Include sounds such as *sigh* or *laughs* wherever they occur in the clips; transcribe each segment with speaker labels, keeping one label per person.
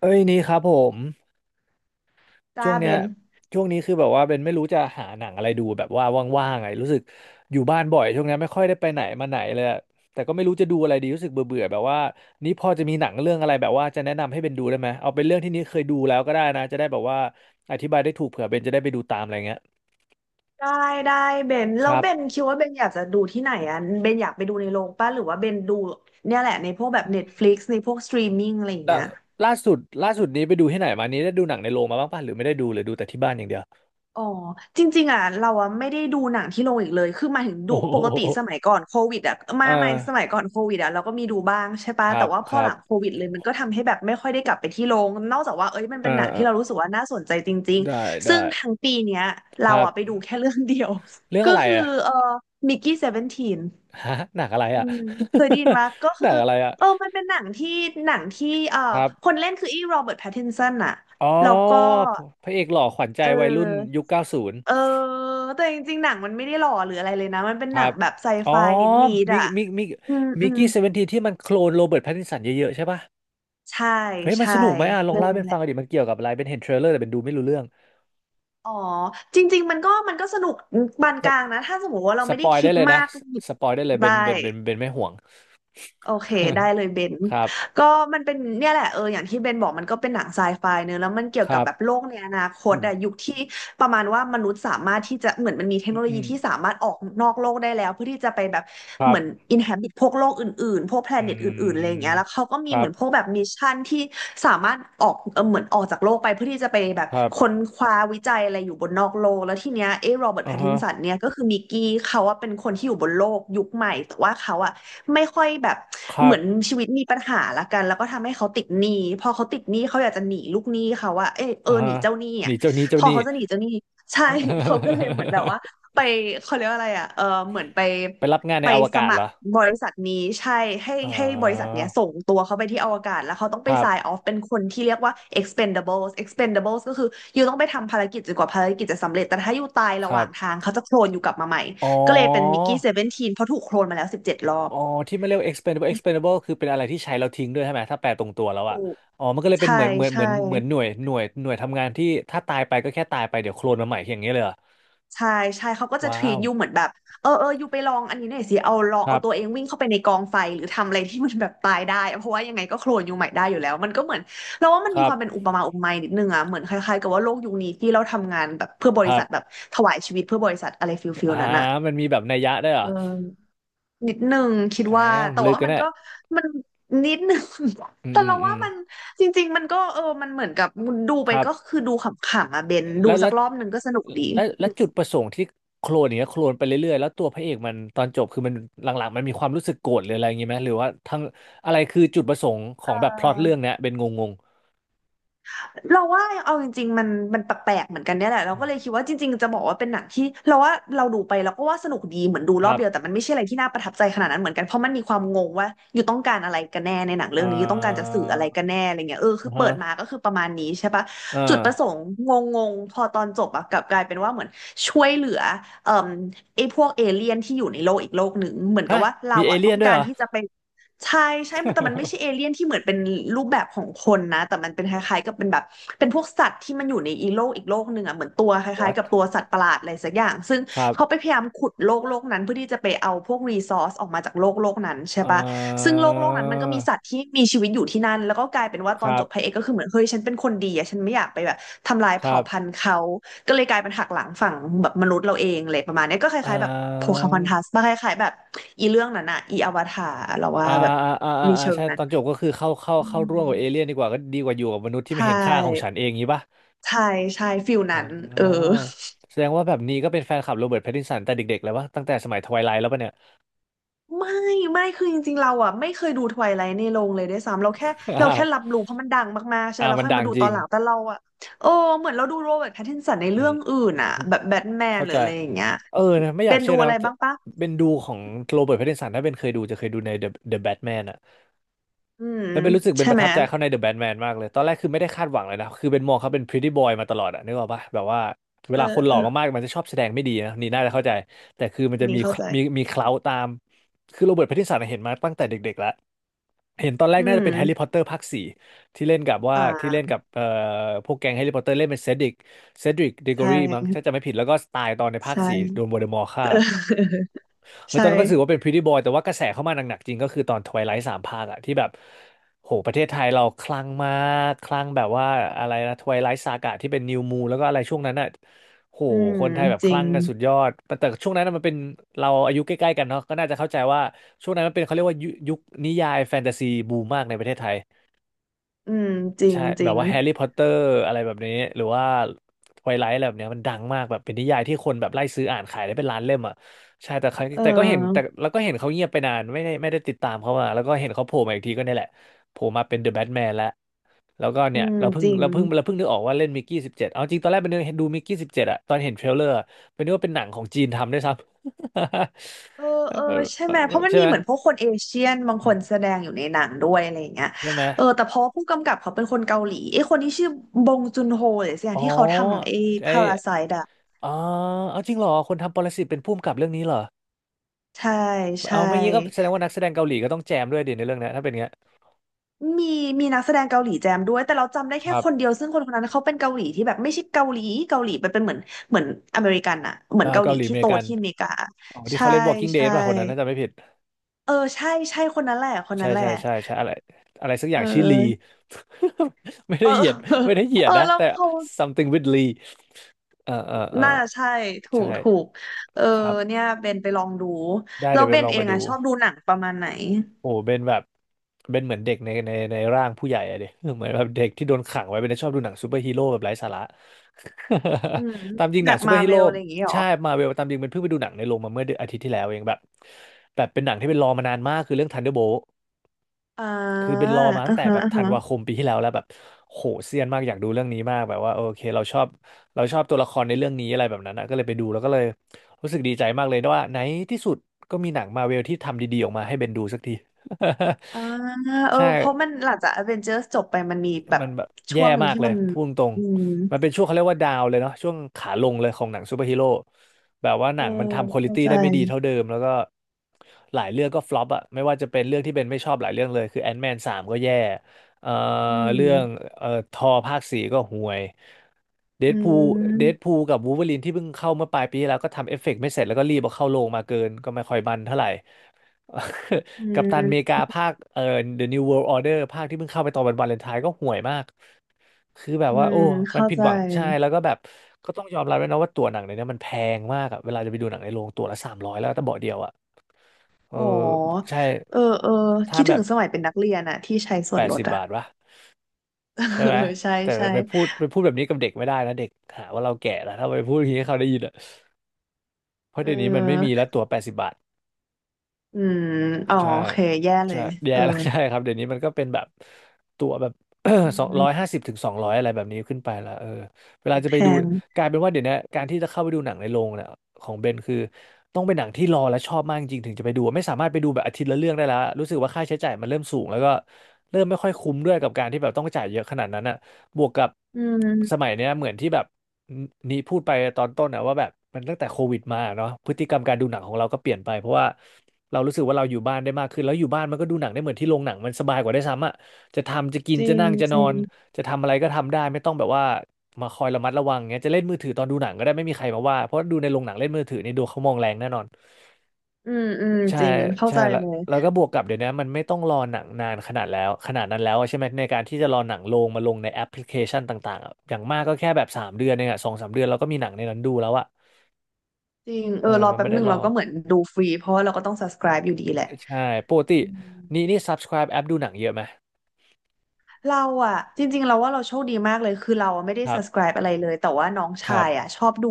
Speaker 1: เอ้ยนี่ครับผม
Speaker 2: ได้
Speaker 1: ช่วง
Speaker 2: เบ
Speaker 1: เนี้ย
Speaker 2: น
Speaker 1: ช่วงนี้คือแบบว่าเป็นไม่รู้จะหาหนังอะไรดูแบบว่าว่างๆไงรู้สึกอยู่บ้านบ่อยช่วงเนี้ยไม่ค่อยได้ไปไหนมาไหนเลยอะแต่ก็ไม่รู้จะดูอะไรดีรู้สึกเบื่อๆแบบว่านี่พอจะมีหนังเรื่องอะไรแบบว่าจะแนะนำให้เป็นดูได้ไหมเอาเป็นเรื่องที่นี่เคยดูแล้วก็ได้นะจะได้แบบว่าอธิบายได้ถูกเผื่อเบนจะได้ไปดูตามอะไรเงี้ย
Speaker 2: ได้ได้เบน
Speaker 1: ค
Speaker 2: แล้ว
Speaker 1: รับ
Speaker 2: เบนคิดว่าเบนอยากจะดูที่ไหนอ่ะเบนอยากไปดูในโรงป่ะหรือว่าเบนดูเนี่ยแหละในพวกแบบ
Speaker 1: อืม
Speaker 2: Netflix ในพวกสตรีมมิ่งอะไรอย่าง
Speaker 1: แล้ว
Speaker 2: เงี้ย
Speaker 1: ล่าสุดล่าสุดนี้ไปดูที่ไหนมานี้ได้ดูหนังในโรงมาบ้างป่ะหรือไม่ได้ดูหรือดูแต่ที่บ้านอย่างเดียว
Speaker 2: อ๋อจริงๆอ่ะเราอ่ะไม่ได้ดูหนังที่โรงอีกเลยคือหมายถึงดู
Speaker 1: โอ้ *laughs* โ
Speaker 2: ปกติสมั
Speaker 1: ห
Speaker 2: ยก่อนโควิดอ่ะ
Speaker 1: อ่
Speaker 2: มาใหม่สมั
Speaker 1: า
Speaker 2: ยก่อนโควิดอ่ะเราก็มีดูบ้างใช่
Speaker 1: ค
Speaker 2: ปะ
Speaker 1: รั
Speaker 2: แต่
Speaker 1: บ
Speaker 2: ว่าพ
Speaker 1: ค
Speaker 2: อ
Speaker 1: รั
Speaker 2: ห
Speaker 1: บ
Speaker 2: ลังโควิดเลยมันก็ทำให้แบบไม่ค่อยได้กลับไปที่โรงนอกจากว่าเอ้ยมัน
Speaker 1: อ่า
Speaker 2: เป็นหนัง
Speaker 1: อ่า
Speaker 2: ที่เรารู้สึกว่าน่าสนใจจริง
Speaker 1: ได้
Speaker 2: ๆซึ่ง
Speaker 1: ได้
Speaker 2: ทั้งปีเนี้ย
Speaker 1: ค
Speaker 2: เรา
Speaker 1: รับ
Speaker 2: อ่ะไปดูแค่เรื่องเดียว
Speaker 1: เรื่อ
Speaker 2: *laughs*
Speaker 1: ง
Speaker 2: ก็
Speaker 1: อะไร
Speaker 2: คือ
Speaker 1: อ่ะ
Speaker 2: เอ่อมิกกี้เซเวนทีน
Speaker 1: ฮะหนังอะไร
Speaker 2: อื
Speaker 1: อ่ะ
Speaker 2: มเคยได้ยินว่าก็
Speaker 1: *laughs* ห
Speaker 2: คื
Speaker 1: นั
Speaker 2: อ
Speaker 1: งอะไรอ่ะ
Speaker 2: เออมันเป็นหนังที่หนังที่เอ่อ
Speaker 1: ครับ
Speaker 2: คนเล่นคืออีโรเบิร์ตแพตตินสันอะ
Speaker 1: อ๋อ
Speaker 2: แล้วก็
Speaker 1: พระเอกหล่อขวัญใจ
Speaker 2: เอ
Speaker 1: วัยรุ่น
Speaker 2: อ
Speaker 1: ยุค90
Speaker 2: เออแต่จริงๆหนังมันไม่ได้หล่อหรืออะไรเลยนะมันเป็น
Speaker 1: ค
Speaker 2: ห
Speaker 1: รั
Speaker 2: นัง
Speaker 1: บ
Speaker 2: แบบไซ
Speaker 1: อ๋อ
Speaker 2: ไฟนิดๆ
Speaker 1: มิก
Speaker 2: อ่ะ
Speaker 1: มิกมิก
Speaker 2: อืม
Speaker 1: มิ
Speaker 2: อื
Speaker 1: ก
Speaker 2: ม
Speaker 1: กี้เซเวนทีที่มันโคลนโรเบิร์ตแพตตินสันเยอะๆใช่ปะ
Speaker 2: ใช่
Speaker 1: เฮ้ยมัน
Speaker 2: ใช่
Speaker 1: สนุกไหมอ่ะลอง
Speaker 2: เรื่อง
Speaker 1: เล่าให้
Speaker 2: นั้
Speaker 1: เป็
Speaker 2: น
Speaker 1: น
Speaker 2: แห
Speaker 1: ฟั
Speaker 2: ละ
Speaker 1: งหน่อยดิมันเกี่ยวกับอะไรเป็นเห็นเทรลเลอร์แต่เป็นดูไม่รู้เรื่อง
Speaker 2: อ๋อจริงๆมันก็สนุกปาน
Speaker 1: ส
Speaker 2: ก
Speaker 1: ป
Speaker 2: ลางนะถ้าสมมติว่าเรา
Speaker 1: ส
Speaker 2: ไม่
Speaker 1: ป
Speaker 2: ได้
Speaker 1: อย
Speaker 2: คิ
Speaker 1: ได้
Speaker 2: ด
Speaker 1: เลย
Speaker 2: มา
Speaker 1: นะ
Speaker 2: ก
Speaker 1: สปอยได้เลยเป็
Speaker 2: ได้
Speaker 1: นเป็นเป็นเป็นไม่ห่วง
Speaker 2: โอเคได้เลยเบน
Speaker 1: *laughs* ครับ
Speaker 2: ก็มันเป็นเนี่ยแหละเอออย่างที่เบนบอกมันก็เป็นหนังไซไฟเนอะแล้วมันเกี่ย
Speaker 1: ค
Speaker 2: วกั
Speaker 1: รั
Speaker 2: บแบบ
Speaker 1: บ
Speaker 2: โลกในอนาคต
Speaker 1: อืม
Speaker 2: อะยุคที่ประมาณว่ามนุษย์สามารถที่จะเหมือนมันมีเทค
Speaker 1: อื
Speaker 2: โนโลยี
Speaker 1: ม
Speaker 2: ที่สามารถออกนอกโลกได้แล้วเพื่อที่จะไปแบบ
Speaker 1: ครั
Speaker 2: เหมือน
Speaker 1: บ
Speaker 2: อินแฮบิตพวกโลกอื่นๆพวกแพล
Speaker 1: อื
Speaker 2: เน็ตอื่นๆอะไรอย่างเงี้ย
Speaker 1: ม
Speaker 2: แล้วเขาก็
Speaker 1: ค
Speaker 2: มี
Speaker 1: รั
Speaker 2: เหมือนพว
Speaker 1: บ
Speaker 2: กแบบมิชชั่นที่สามารถออกเหมือนออกจากโลกไปเพื่อที่จะไปแบบ
Speaker 1: ครับ
Speaker 2: ค้นคว้าวิจัยอะไรอยู่บนนอกโลกแล้วทีเนี้ยไอ้โรเบิร์ตแพ
Speaker 1: อ่า
Speaker 2: ทิ
Speaker 1: ฮะ
Speaker 2: นสันเนี่ยก็คือมิกกี้เขาว่าเป็นคนที่อยู่บนโลกยุคใหม่แต่ว่าเขาอะ ไม่ค่อยแบบ
Speaker 1: ครั
Speaker 2: เหมือน
Speaker 1: บ
Speaker 2: ชีวิตมีปัญหาละกันแล้วก็ทำให้เขาติดหนี้พอเขาติดหนี้เขาอยากจะหนีลูกหนี้เขาว่า
Speaker 1: อ่า
Speaker 2: ห
Speaker 1: ฮะ
Speaker 2: นีเจ้าหนี้
Speaker 1: หนี
Speaker 2: อ่ะ
Speaker 1: เจ้านี้
Speaker 2: พ
Speaker 1: เจ้า
Speaker 2: อ
Speaker 1: นี้
Speaker 2: เขาจะหนีเจ้าหนี้ *laughs* ใช่ *laughs* เขาก็เลยเหมือนแบบว่า
Speaker 1: *laughs*
Speaker 2: ไปเขาเรียกว่าอะไรอ่ะเหมือนไป
Speaker 1: ไปรับงานใน
Speaker 2: ไป
Speaker 1: อว
Speaker 2: ส
Speaker 1: กาศ
Speaker 2: มั
Speaker 1: เห
Speaker 2: ค
Speaker 1: ร
Speaker 2: ร
Speaker 1: อ
Speaker 2: บริษัทนี้ใช่ให้
Speaker 1: อ่
Speaker 2: ให้บริษัท
Speaker 1: า
Speaker 2: เนี้ยส่งตัวเขาไปที่อวกาศแล้วเขาต้อง
Speaker 1: ค
Speaker 2: ไป
Speaker 1: รั
Speaker 2: sign
Speaker 1: บ
Speaker 2: off เป็นคนที่เรียกว่า expendables ก็คืออยู่ต้องไปทำภารกิจจนกว่าภารกิจจะสำเร็จแต่ถ้าอยู่ตาย
Speaker 1: ค
Speaker 2: ระห
Speaker 1: รั
Speaker 2: ว่างทาง
Speaker 1: บ
Speaker 2: เขาจะโคลนอยู่กลับมาใหม่
Speaker 1: อ๋อ
Speaker 2: ก็เลยเป็นมิกกี้เซเวนทีนเพราะถูกโคลนมาแล้ว17 รอบ
Speaker 1: อ๋อที่มันเรียกว่า expendable expendable คือเป็นอะไรที่ใช้แล้วทิ้งด้วยใช่ไหมถ้าแปลตรงตัวแล้ว
Speaker 2: ถู
Speaker 1: อะ
Speaker 2: ก
Speaker 1: อ๋อมันก็เลยเป็น
Speaker 2: ใช่
Speaker 1: เหมือนเหมือนเห
Speaker 2: ใช่
Speaker 1: มือนเหมือนหน่วย หน่วยทำงานที่ถ้าตายไปก็แค่ตายไปเดี๋ยวโคลนมาใหม่อย่างเงี้ยเลยเหรอ
Speaker 2: ใช่ใช่เขาก็จะ
Speaker 1: ว้า
Speaker 2: treat
Speaker 1: ว
Speaker 2: ยูเหมือนแบบเออเออยูไปลองอันนี้หน่อยสิเอาลอง
Speaker 1: ครั
Speaker 2: เอา
Speaker 1: บ
Speaker 2: ตัวเองวิ่งเข้าไปในกองไฟหรือทำอะไรที่มันแบบตายได้อะเพราะว่ายังไงก็โคลนยูใหม่ได้อยู่แล้วมันก็เหมือนเราว่ามัน
Speaker 1: ค
Speaker 2: มี
Speaker 1: รั
Speaker 2: ความเป็น
Speaker 1: บ
Speaker 2: อุปมาอุปไมยนิดนึงอะเหมือนคล้ายๆกับว่าโลกยุคนี้ที่เราทำงานแบบเพื่อบ
Speaker 1: ค
Speaker 2: ริ
Speaker 1: รั
Speaker 2: ษัทแบบ
Speaker 1: บ
Speaker 2: ถวายชีวิตเพื่อบริษัทอะไรฟิล
Speaker 1: อ่า
Speaker 2: นั้นอะ
Speaker 1: มันมีแบบนัยยะได้วยเหร
Speaker 2: เอ
Speaker 1: อ
Speaker 2: อ นิดหนึ่งคิด
Speaker 1: แถ
Speaker 2: ว่า
Speaker 1: ม
Speaker 2: แต่
Speaker 1: ลึก
Speaker 2: ว่า
Speaker 1: กัน
Speaker 2: มัน
Speaker 1: เนี่ย
Speaker 2: ก็มันนิดหนึ่ง
Speaker 1: อื
Speaker 2: *laughs*
Speaker 1: ม
Speaker 2: แต่
Speaker 1: อืม
Speaker 2: เรา
Speaker 1: อื
Speaker 2: ว่า
Speaker 1: ม
Speaker 2: มันจริงๆมันก็เออมันเหมือนกับดูไป
Speaker 1: ครับ
Speaker 2: ก็คือดูขำๆอ่ะเบนดู
Speaker 1: แล้ว
Speaker 2: สั
Speaker 1: แล้
Speaker 2: ก
Speaker 1: ว
Speaker 2: รอบหนึ่งก็สนุกดี
Speaker 1: และจุดประสงค์ที่โคลนอย่างเงี้ยโคลนไปเรื่อยๆแล้วตัวพระเอกมันตอนจบคือมันหลังๆมันมีความรู้สึกโกรธหรืออะไรอย่างงี้ไหมหรือว่าทั้งอะไรคือจุดประสงค์ข
Speaker 2: เ
Speaker 1: องแบบพล็อตเรื่อง
Speaker 2: ออ
Speaker 1: เนี้ยเป็นงง
Speaker 2: เราว่าเอาจริงๆมันแปลกๆเหมือนกันเนี่ยแหละเราก็เลยคิดว่าจริงๆจะบอกว่าเป็นหนังที่เราว่าเราดูไปเราก็ว่าสนุกดีเหมือนดู
Speaker 1: ๆค
Speaker 2: รอ
Speaker 1: รั
Speaker 2: บ
Speaker 1: บ
Speaker 2: เดียวแต่มันไม่ใช่อะไรที่น่าประทับใจขนาดนั้นเหมือนกันเพราะมันมีความงงว่าอยู่ต้องการอะไรกันแน่ในหนังเรื่อง
Speaker 1: เอ่
Speaker 2: นี้อยู่ต้องการจะ
Speaker 1: อ
Speaker 2: สื่ออะไรกันแน่อะไรเงี้ยเออคือเปิ
Speaker 1: ฮะ
Speaker 2: ดมาก็คือประมาณนี้ใช่ปะ
Speaker 1: เอ่า
Speaker 2: จุดประสงค์งงๆพอตอนจบอะกลับกลายเป็นว่าเหมือนช่วยเหลือเอ่มไอ้พวกเอเลี่ยนที่อยู่ในโลกอีกโลกหนึ่งเหมือนกั
Speaker 1: ฮะ
Speaker 2: บว่าเรา
Speaker 1: มีเอ
Speaker 2: อะ
Speaker 1: เลี่
Speaker 2: ต้
Speaker 1: ย
Speaker 2: อ
Speaker 1: น
Speaker 2: ง
Speaker 1: ด้วย
Speaker 2: กา
Speaker 1: เหร
Speaker 2: ร
Speaker 1: อ
Speaker 2: ที่จะไป ใช่ใช่มันแต่มันไม่ใช่เอเลี่
Speaker 1: *laughs*
Speaker 2: ยนที่เหมือนเป็นรูปแบบของคนนะแต่มันเป็นคล้ายๆกับเป็นแบบเป็นพวกสัตว์ที่มันอยู่ในอีโลกอีกโลกหนึ่งอ่ะเหมือนตัวคล้ายๆกับ
Speaker 1: What
Speaker 2: ตัวสัตว์ประหลาดอะไรสักอย่างซึ่ง
Speaker 1: ครั
Speaker 2: เขาไป
Speaker 1: บ
Speaker 2: พยายามขุดโลกโลกนั้นเพื่อที่จะไปเอาพวกรีซอสออกมาจากโลกโลกนั้นใช่
Speaker 1: เอ่
Speaker 2: ปะซึ่ง
Speaker 1: อ
Speaker 2: โลกโลกนั้นมันก็มีสัตว์ที่มีชีวิตอยู่ที่นั่นแล้วก็กลายเป็นว่า
Speaker 1: ค
Speaker 2: ตอน
Speaker 1: รั
Speaker 2: จ
Speaker 1: บ
Speaker 2: บพระเอกก็คือเหมือนเฮ้ยฉันเป็นคนดีอ่ะฉันไม่อยากไปแบบทำลาย
Speaker 1: ครั
Speaker 2: เผ่าพัน
Speaker 1: บ
Speaker 2: ธุ์เขา ก็เลยกลายเป็นหักหลังฝั่งแบบมนุษย์เราเองเลยประมาณเนี้ยก็ค
Speaker 1: เอ่
Speaker 2: ล้ายๆแบบโพ
Speaker 1: อ
Speaker 2: คาฮอนทัสบ้างคล้ายๆแบบอีเรื่องนั้นอะอีอวตารเราว่า
Speaker 1: อ่า
Speaker 2: แบบ
Speaker 1: อ่าอ่าอ่า
Speaker 2: ใน
Speaker 1: อ่า
Speaker 2: เชิง
Speaker 1: ใช่
Speaker 2: นั้
Speaker 1: ต
Speaker 2: น
Speaker 1: อนจบก็คือ
Speaker 2: อื
Speaker 1: เข้าร่วมกับเอเลี่ย
Speaker 2: ม
Speaker 1: นดีกว่าก็ดีกว่าอยู่กับมนุษย์ที่ไม่
Speaker 2: ใช่
Speaker 1: เห็นค่าของฉันเองงี้ปะ
Speaker 2: ใช่ใช่ฟิลนั้
Speaker 1: ว้า
Speaker 2: นเออ
Speaker 1: วแสดงว่าแบบนี้ก็เป็นแฟนคลับโรเบิร์ตแพตตินสันแต่เด็กๆแล้วว่าตั้งแต่สมัยทไวไลท์แล้วปะเนี่ย
Speaker 2: ไม่ไม่คือจริงๆเราอ่ะไม่เคยดูทไวไลท์ในโรงเลยด้วยซ้ำเราแค่
Speaker 1: *laughs* อ้าว
Speaker 2: รับรู้เพราะมันดังมากๆใช่
Speaker 1: อ่า
Speaker 2: เรา
Speaker 1: มัน
Speaker 2: ค่อย
Speaker 1: ดั
Speaker 2: มา
Speaker 1: ง
Speaker 2: ดู
Speaker 1: จ
Speaker 2: ต
Speaker 1: ริ
Speaker 2: อ
Speaker 1: ง
Speaker 2: นหลังแต่เราอ่ะโอ้เหมือนเราดูโรเบิร์ตแพตตินสันใน
Speaker 1: อื
Speaker 2: เรื่อง
Speaker 1: ม
Speaker 2: อื่นอ่ะแบบแบทแมน
Speaker 1: เข้า
Speaker 2: หรือ
Speaker 1: ใจ
Speaker 2: อะไรอย่างเงี้ย
Speaker 1: เออนะไม่อ
Speaker 2: เป็
Speaker 1: ยาก
Speaker 2: น
Speaker 1: เชื่
Speaker 2: ดู
Speaker 1: อนะ
Speaker 2: อะไร
Speaker 1: ว่าจะ
Speaker 2: บ้างปะ
Speaker 1: เป็นดูของโรเบิร์ตแพตตินสันถ้าเป็นเคยดูจะเคยดูใน The Batman อะ
Speaker 2: อืม
Speaker 1: แล้วเป็นรู้สึกเป็น
Speaker 2: ใช่
Speaker 1: ประ
Speaker 2: ไหม
Speaker 1: ทับใจเขาใน The Batman มากเลยตอนแรกคือไม่ได้คาดหวังเลยนะคือเป็นมองเขาเป็น Pretty Boy มาตลอดอะนึกออกปะแบบว่าเว
Speaker 2: เออ
Speaker 1: ลาคนห
Speaker 2: เอ
Speaker 1: ล่อ
Speaker 2: อ
Speaker 1: มากๆมันจะชอบแสดงไม่ดีนะนี่น่าจะเข้าใจแต่คือมันจะ
Speaker 2: นี่
Speaker 1: มี
Speaker 2: เข้าใจ
Speaker 1: เคล้าตามคือโรเบิร์ตแพตตินสันเห็นมาตั้งแต่เด็กๆแล้ว เห็นตอนแรก
Speaker 2: อื
Speaker 1: น่าจะ
Speaker 2: ม
Speaker 1: เป็นแฮร์รี่พอตเตอร์ภาคสี่ที่เล่นกับว่าที่
Speaker 2: อ่า
Speaker 1: เล่นกับพวกแก๊งแฮร์รี่พอตเตอร์เล่นเป็นเซดริกเด
Speaker 2: ใช
Speaker 1: โกรีมั้ง
Speaker 2: ่
Speaker 1: ถ้าจำไม่ผิดแล้วก็ตายตอนในภาค
Speaker 2: ใช่
Speaker 1: สี่โดนวอลเดอมอร์
Speaker 2: *laughs*
Speaker 1: ฆ่า
Speaker 2: เออ
Speaker 1: เออต
Speaker 2: ใช่
Speaker 1: อนนั้นก็ถือว่าเป็น Pretty Boy แต่ว่ากระแสเข้ามาหนักๆจริงก็คือตอน Twilight สามภาคอะที่แบบโหประเทศไทยเราคลั่งมากคลั่งแบบว่าอะไรนะ Twilight Saga ที่เป็น New Moon แล้วก็อะไรช่วงนั้นอะโห
Speaker 2: อืม
Speaker 1: คนไทยแบบ
Speaker 2: จ
Speaker 1: ค
Speaker 2: ริง
Speaker 1: ลั่งกันสุดยอดแต่ช่วงนั้นน่ะมันเป็นเราอายุใกล้ๆกันเนาะก็น่าจะเข้าใจว่าช่วงนั้นมันเป็นเขาเรียกว่ายุคนิยายแฟนตาซีบูมมากในประเทศไทย
Speaker 2: อืมจริง
Speaker 1: ใช่
Speaker 2: จ
Speaker 1: แบ
Speaker 2: ริ
Speaker 1: บ
Speaker 2: ง
Speaker 1: ว่าแฮร์รี่พอตเตอร์อะไรแบบนี้หรือว่าไวไลท์อะไรแบบเนี้ยมันดังมากแบบเป็นนิยายที่คนแบบไล่ซื้ออ่านขายได้เป็นล้านเล่มอ่ะใช่แต่เขา
Speaker 2: เ
Speaker 1: แต่ก็เห็นแต่
Speaker 2: ออ
Speaker 1: แล้วก็เห็นเขาเงียบไปนานไม่ได้ติดตามเขามาแล้วก็เห็นเขาโผล่มาอีกทีก็เนี่ยแหละโผล่มาเป็นเดอะแบทแมนแล้วแล้วก็
Speaker 2: อื
Speaker 1: เนี่ย
Speaker 2: ม
Speaker 1: เราเพิ่
Speaker 2: จ
Speaker 1: ง
Speaker 2: ริง
Speaker 1: เราเพิ่งเราเพิ่งนึกออกว่าเล่นมิกกี้สิบเจ็ดเอาจริงตอนแรกเป็นนึกดูมิกกี้สิบเจ็ดอะตอนเห็นเทรลเลอร์อะเป็นนึกว่าเป็นหนังของจีนทำด้วยซ้
Speaker 2: เออเออ
Speaker 1: ำ
Speaker 2: ใช่ไหมเพราะ
Speaker 1: *laughs*
Speaker 2: มัน
Speaker 1: ใช่
Speaker 2: มี
Speaker 1: ไห
Speaker 2: เหมือนพว
Speaker 1: ม
Speaker 2: กคนเอเชียนบางคนแสดงอยู่ในหนังด้วยอะไรอย่างเงี้ย
Speaker 1: ใช่ไหม
Speaker 2: เออแต่เพราะว่าผู้กำกับเขาเป็นคนเกาหลีไอ้คนที่ชื่อบงจุนโฮหรือสักอย่า
Speaker 1: อ๋
Speaker 2: ง
Speaker 1: อ
Speaker 2: ที่เขาทำไอ้
Speaker 1: ไอ
Speaker 2: พาราไซต์อะ
Speaker 1: อ๋อเอาจริงเหรอคนทำปรสิตเป็นผู้กำกับเรื่องนี้เหรอ
Speaker 2: ใช่ใช่
Speaker 1: เอาไม่งี้ก็แสดงว่านักแสดงเกาหลีก็ต้องแจมด้วยดิในเรื่องเนี้ยถ้าเป็นเงี้ย
Speaker 2: มีมีนักแสดงเกาหลีแจมด้วยแต่เราจำได้
Speaker 1: ค
Speaker 2: แค่
Speaker 1: รั
Speaker 2: คนเดี
Speaker 1: บ
Speaker 2: ยวซึ่งคนคนนั้นเขาเป็นเกาหลีที่แบบไม่ใช่เกาหลีเกาหลีไปเป็นเหมือนเหมือนอเมริกันอะเหมือ
Speaker 1: อ่า
Speaker 2: นเกาห
Speaker 1: เกา
Speaker 2: ลี
Speaker 1: หลีอ
Speaker 2: ที่
Speaker 1: เม
Speaker 2: โต
Speaker 1: ริกัน
Speaker 2: ที่อเมริกา
Speaker 1: อ๋อที่
Speaker 2: ใช่
Speaker 1: เขาเล่น Walking Dead
Speaker 2: ใช่
Speaker 1: ป่ะคนนั้นน่าจะไม่ผิด
Speaker 2: เออใช่ใช่คนนั้นแหละคน
Speaker 1: ใช่
Speaker 2: นั้นแห
Speaker 1: ใช่
Speaker 2: ละ
Speaker 1: ใช่ใช่อะไรอะไรสักอ
Speaker 2: เ
Speaker 1: ย่างชื่อลี
Speaker 2: ออ
Speaker 1: *laughs* ไม่
Speaker 2: เอ
Speaker 1: ได้
Speaker 2: อ
Speaker 1: เหยียดไม่ได้เหยีย
Speaker 2: เอ
Speaker 1: ด
Speaker 2: อ
Speaker 1: นะ
Speaker 2: แล้ว
Speaker 1: แต่
Speaker 2: เขา
Speaker 1: something with Lee เออเออเออ
Speaker 2: น่าจะใช่ถู
Speaker 1: ใช่
Speaker 2: กถูกเออ
Speaker 1: ครับ
Speaker 2: เนี่ยเบนไปลองดู
Speaker 1: ได้
Speaker 2: แล้
Speaker 1: เดี๋
Speaker 2: ว
Speaker 1: ยวไป
Speaker 2: เบน
Speaker 1: ลอง
Speaker 2: เอ
Speaker 1: ไป
Speaker 2: ง
Speaker 1: ดู
Speaker 2: อะชอบดูหนังประมาณไหน
Speaker 1: โอ้เป็นแบบเป็นเหมือนเด็กในร่างผู้ใหญ่อะเด็กเหมือนแบบเด็กที่โดนขังไว้เป็นชอบดูหนังซูเปอร์ฮีโร่แบบไร้สาระ
Speaker 2: อืม
Speaker 1: *laughs* ตามจริงห
Speaker 2: แบ
Speaker 1: นัง
Speaker 2: บ
Speaker 1: ซูเป
Speaker 2: มา
Speaker 1: อร์ฮี
Speaker 2: เว
Speaker 1: โร่
Speaker 2: ลอะไรอย่างงี้เหรอ
Speaker 1: ใช่มาเวลตามจริงมันเพิ่งไปดูหนังในโรงมาเมื่อออาทิตย์ที่แล้วเองแบบแบบเป็นหนังที่เป็นรอมานานมากคือเรื่อง Thunderbolt
Speaker 2: อ่
Speaker 1: คือ
Speaker 2: า
Speaker 1: เป็นรอมาตั้
Speaker 2: อ่า
Speaker 1: งแต่
Speaker 2: ฮะ
Speaker 1: แบบ
Speaker 2: อ่า
Speaker 1: ธันวา
Speaker 2: ฮะ
Speaker 1: คมปีที่แล้วแล้วแบบโหเซียนมากอยากดูเรื่องนี้มากแบบว่าโอเคเราชอบตัวละครในเรื่องนี้อะไรแบบนั้นนะก็เลยไปดูแล้วก็เลยรู้สึกดีใจมากเลยนะว่าในที่สุดก็มีหนังมาเวลที่ทำดีๆออกมาให้เบนดูสักที
Speaker 2: อ่าเอ
Speaker 1: *laughs*
Speaker 2: อ
Speaker 1: ใช่
Speaker 2: เพราะมันหลังจากอเวนเจอร์จบไปมันมีแบบ
Speaker 1: มันแบบ
Speaker 2: ช่
Speaker 1: แย่
Speaker 2: วงหนึ่ง
Speaker 1: มาก
Speaker 2: ที่
Speaker 1: เลย
Speaker 2: มัน
Speaker 1: พูดตรง
Speaker 2: อืม
Speaker 1: ๆมันเป็นช่วงเขาเรียกว่าดาวน์เลยเนาะช่วงขาลงเลยของหนังซูเปอร์ฮีโร่แบบว่าห
Speaker 2: เอ
Speaker 1: นั
Speaker 2: อ
Speaker 1: งมันทำควอลิ
Speaker 2: เข้า
Speaker 1: ตี้
Speaker 2: ใจ
Speaker 1: ได้ไม่ดีเท่าเดิมแล้วก็หลายเรื่องก็ฟลอปอะไม่ว่าจะเป็นเรื่องที่เป็นไม่ชอบหลายเรื่องเลยคือแอน m ์แมนสามก็แย่เอ่อ
Speaker 2: อื
Speaker 1: เรื่อง
Speaker 2: ม
Speaker 1: ทอภาคสี่ก็ห่วยเด
Speaker 2: อื
Speaker 1: ดพูเดด
Speaker 2: ม
Speaker 1: พูกับวู l v เวอรนที่เพิ่งเข้าเมื่อปลายปีที่แล้วก็ทำเอฟเฟกต์ไม่เสร็จแล้วก็รีบเอาเข้าโรงมาเกินก็ไม่ค่อยบันเท่าไหร่
Speaker 2: อื
Speaker 1: *laughs* กัปตันอเมริ
Speaker 2: ม
Speaker 1: กาภาคThe New World Order ภาคที่เพิ่งเข้าไปตอนวันวาเลนไทน์ก็ห่วยมาก คือแบบ
Speaker 2: อื
Speaker 1: ว่าโอ้
Speaker 2: ม
Speaker 1: มัน
Speaker 2: เข้า
Speaker 1: ผิด
Speaker 2: ใจ
Speaker 1: หวังใช่แล้วก็แบบก็ต้องยอมรับด้วยนะว่าตั๋วหนังเนี่ยมันแพงมากอะเวลาจะไปดูหนังในโรงตั๋วละ300แล้วแต่เบาะเดียวอะเออ
Speaker 2: อ๋อ
Speaker 1: ใช่
Speaker 2: เออเออ
Speaker 1: ถ้า
Speaker 2: คิด
Speaker 1: แบ
Speaker 2: ถึ
Speaker 1: บ
Speaker 2: งสมัยเป็นนักเรียนอะที่ใช้ส่
Speaker 1: แป
Speaker 2: วน
Speaker 1: ด
Speaker 2: ลด
Speaker 1: สิบ
Speaker 2: อะ
Speaker 1: บาทวะ
Speaker 2: *laughs* เออ
Speaker 1: ใช่ไหม
Speaker 2: ใช่
Speaker 1: แต่
Speaker 2: ใช่
Speaker 1: ไปพูดแบบนี้กับเด็กไม่ได้นะเด็กหาว่าเราแก่แล้วถ้าไปพูดอย่างนี้ให้เขาได้ยินอะเพราะ
Speaker 2: เอ
Speaker 1: เดี๋ยวนี้มันไม่มี
Speaker 2: อ
Speaker 1: แล้วตั๋วแปดสิบบาท
Speaker 2: อืมอ๋อ
Speaker 1: ใช่
Speaker 2: โอเคแย่เล
Speaker 1: ใช่
Speaker 2: ย
Speaker 1: แย่
Speaker 2: เออ
Speaker 1: แล้ว *laughs* ใช่ครับเดี๋ยวนี้มันก็เป็นแบบตั๋วแบบ *coughs*
Speaker 2: อื
Speaker 1: *clears throat* สองร้อยห้า
Speaker 2: ม
Speaker 1: สิบถึง200อะไรแบบนี้ขึ้นไปละเออเวลาจะ
Speaker 2: แพ
Speaker 1: ไปดู
Speaker 2: น
Speaker 1: กลายเป็นว่าเดี๋ยวนี้การที่จะเข้าไปดูหนังในโรงเนี่ยของเบนคือต้องเป็นหนังที่รอและชอบมากจริงถึงจะไปดูไม่สามารถไปดูแบบอาทิตย์ละเรื่องได้แล้วรู้สึกว่าค่าใช้จ่ายมันเริ่มสูงแล้วก็เริ่มไม่ค่อยคุ้มด้วยกับการที่แบบต้องจ่ายเยอะขนาดนั้นอ่ะบวกกับ
Speaker 2: อื
Speaker 1: ส
Speaker 2: ม
Speaker 1: มัยเนี้ยเหมือนที่แบบ นนี่พูดไปตอนต้นนะว่าแบบมันตั้งแต่โควิดมาเนาะพฤติกรรมการดูหนังของเราก็เปลี่ยนไปเพราะว่าเรารู้สึกว่าเราอยู่บ้านได้มากขึ้นแล้วอยู่บ้านมันก็ดูหนังได้เหมือนที่โรงหนังมันสบายกว่าได้วยซ้ำอ่ะจะทำจะกิน
Speaker 2: จริ
Speaker 1: จะ
Speaker 2: ง
Speaker 1: นั่งจะ
Speaker 2: จ
Speaker 1: นอ
Speaker 2: ริง
Speaker 1: นจะทำอะไรก็ทำได้ไม่ต้องแบบว่ามาคอยระมัดระวังเงี้ยจะเล่นมือถือตอนดูหนังก็ได้ไม่มีใครมาว่าเพราะดูในโรงหนังเล่นมือถือนี่โดนเขามองแรงแน่นอน
Speaker 2: อืมอืม
Speaker 1: ใช่
Speaker 2: จริงเข้า
Speaker 1: ใช่
Speaker 2: ใจ
Speaker 1: แล้ว
Speaker 2: เลย
Speaker 1: แล้วก็บวกกับเดี๋ยวนี้มันไม่ต้องรอหนังนานขนาดนั้นแล้วอะใช่ไหมในการที่จะรอหนังลงมาลงในแอปพลิเคชันต่างๆอะอย่างมากก็แค่แบบสามเดือนเองอะ2-3 เดือนเราก็มีหนังในนั้นดูแล้วอะ
Speaker 2: จริง
Speaker 1: เอ
Speaker 2: เอ
Speaker 1: อ
Speaker 2: อรอ
Speaker 1: มัน
Speaker 2: แป๊
Speaker 1: ไม่
Speaker 2: บห
Speaker 1: ได้
Speaker 2: นึ่ง
Speaker 1: รอ
Speaker 2: เราก็เหมือนดูฟรีเพราะว่าเราก็ต้อง subscribe อยู่ดีแหละ
Speaker 1: ใช่ปกติ
Speaker 2: อืม
Speaker 1: นี่นี่ subscribe แอปดูหนังเยอะไหม
Speaker 2: เราอะจริงๆเราว่าเราโชคดีมากเลยคือเราอะไม่ได้
Speaker 1: ครับ
Speaker 2: subscribe อะไรเลยแต่ว่าน้อง
Speaker 1: ค
Speaker 2: ชา
Speaker 1: รับ
Speaker 2: ยอะชอบดู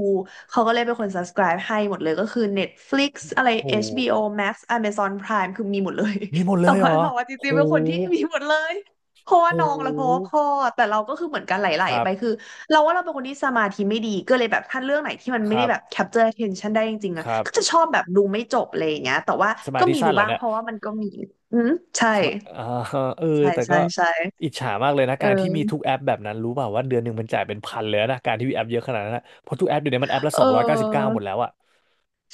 Speaker 2: เขาก็เลยเป็นคน subscribe ให้หมดเลยก็คือ Netflix อะไร
Speaker 1: โห
Speaker 2: HBO Max Amazon Prime คือมีหมดเลย
Speaker 1: มีหมด
Speaker 2: *laughs*
Speaker 1: เล
Speaker 2: แต่
Speaker 1: ยเหร
Speaker 2: ว่า
Speaker 1: อ
Speaker 2: เราอะจ
Speaker 1: โห
Speaker 2: ริงๆเป็นคนที่มีหมดเลยเพราะ
Speaker 1: โ
Speaker 2: ว่าน้องและเพราะว่า
Speaker 1: ห
Speaker 2: พ่อแต่เราก็คือเหมือนกันไหล
Speaker 1: ครั
Speaker 2: ๆ
Speaker 1: บ
Speaker 2: ไปคือเราว่าเราเป็นคนที่สมาธิไม่ดีก็เลยแบบถ้าเรื่องไหนที่มัน
Speaker 1: ค
Speaker 2: ไม่ได้
Speaker 1: รับ
Speaker 2: แบบ capture attention ได้จริงๆ
Speaker 1: ค
Speaker 2: อะ
Speaker 1: รับ
Speaker 2: ก็จะชอบแบบดูไม่จบเลยอย่างเงี้ยแต่ว่า
Speaker 1: สมา
Speaker 2: ก็
Speaker 1: ธิ
Speaker 2: มี
Speaker 1: สั้
Speaker 2: ดู
Speaker 1: นเหรอ
Speaker 2: บ้าง
Speaker 1: เนี่
Speaker 2: เพ
Speaker 1: ย
Speaker 2: ราะว่ามันก็มีอืมใช่
Speaker 1: คิดว่าอ่า *laughs* เออ
Speaker 2: ใช่
Speaker 1: แต่
Speaker 2: ใช่
Speaker 1: ก็
Speaker 2: ใช่
Speaker 1: อิจฉามากเลยนะ
Speaker 2: เ
Speaker 1: การที่มี
Speaker 2: ออ
Speaker 1: ทุกแอปแบบนั้น รู้เปล่าว่าเดือนหนึ่งมันจ่ายเป็นพันเลยนะ การที่มีแอปเยอะขนาดนั้นนะเพราะทุกแอปเดี๋ยวนี้มันแอปละ
Speaker 2: เอ
Speaker 1: 299
Speaker 2: อ
Speaker 1: หมดแล้วอะ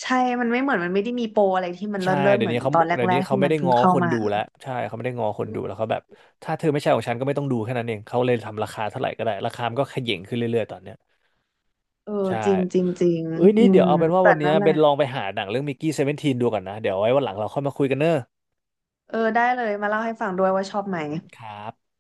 Speaker 2: ใช่มันไม่เหมือนมันไม่ได้มีโปรอะไรที่มันเลิ
Speaker 1: ใช่
Speaker 2: ศเลิศเหมือนตอนแ
Speaker 1: เดี๋ยว
Speaker 2: ร
Speaker 1: นี้
Speaker 2: กๆ
Speaker 1: เขา
Speaker 2: ที่
Speaker 1: ไม่
Speaker 2: มัน
Speaker 1: ได้
Speaker 2: เพิ่ง
Speaker 1: ง้อ
Speaker 2: เข้า
Speaker 1: คน
Speaker 2: มา
Speaker 1: ดูแล้วใช่เขาไม่ได้ง้อคนดูแล้วเขาแบบถ้าเธอไม่ใช่ของฉันก็ไม่ต้องดูแค่นั้นเองเขาเลยทำราคาเท่าไหร่ก็ได้ ราคามันก็เขย่งขึ้นเรื่อยๆตอนเนี้ย
Speaker 2: เออ
Speaker 1: ใช่
Speaker 2: จริงจริงจริง
Speaker 1: เอ้ย
Speaker 2: อื
Speaker 1: นี่เดี๋
Speaker 2: ม
Speaker 1: ยวเอาเป็นว่า
Speaker 2: แต่
Speaker 1: วันเนี้
Speaker 2: นั่
Speaker 1: ย
Speaker 2: นแห
Speaker 1: เบ
Speaker 2: ละ
Speaker 1: นลองไปหาหนังเรื่องมิกกี้17ดูก่อนนะเดี๋ยวไว้วันหลังเราค่อยมาคุยกันเนอะ
Speaker 2: เออได้เลยมาเล่าให้ฟังด้วยว่าชอบไหม
Speaker 1: ครับ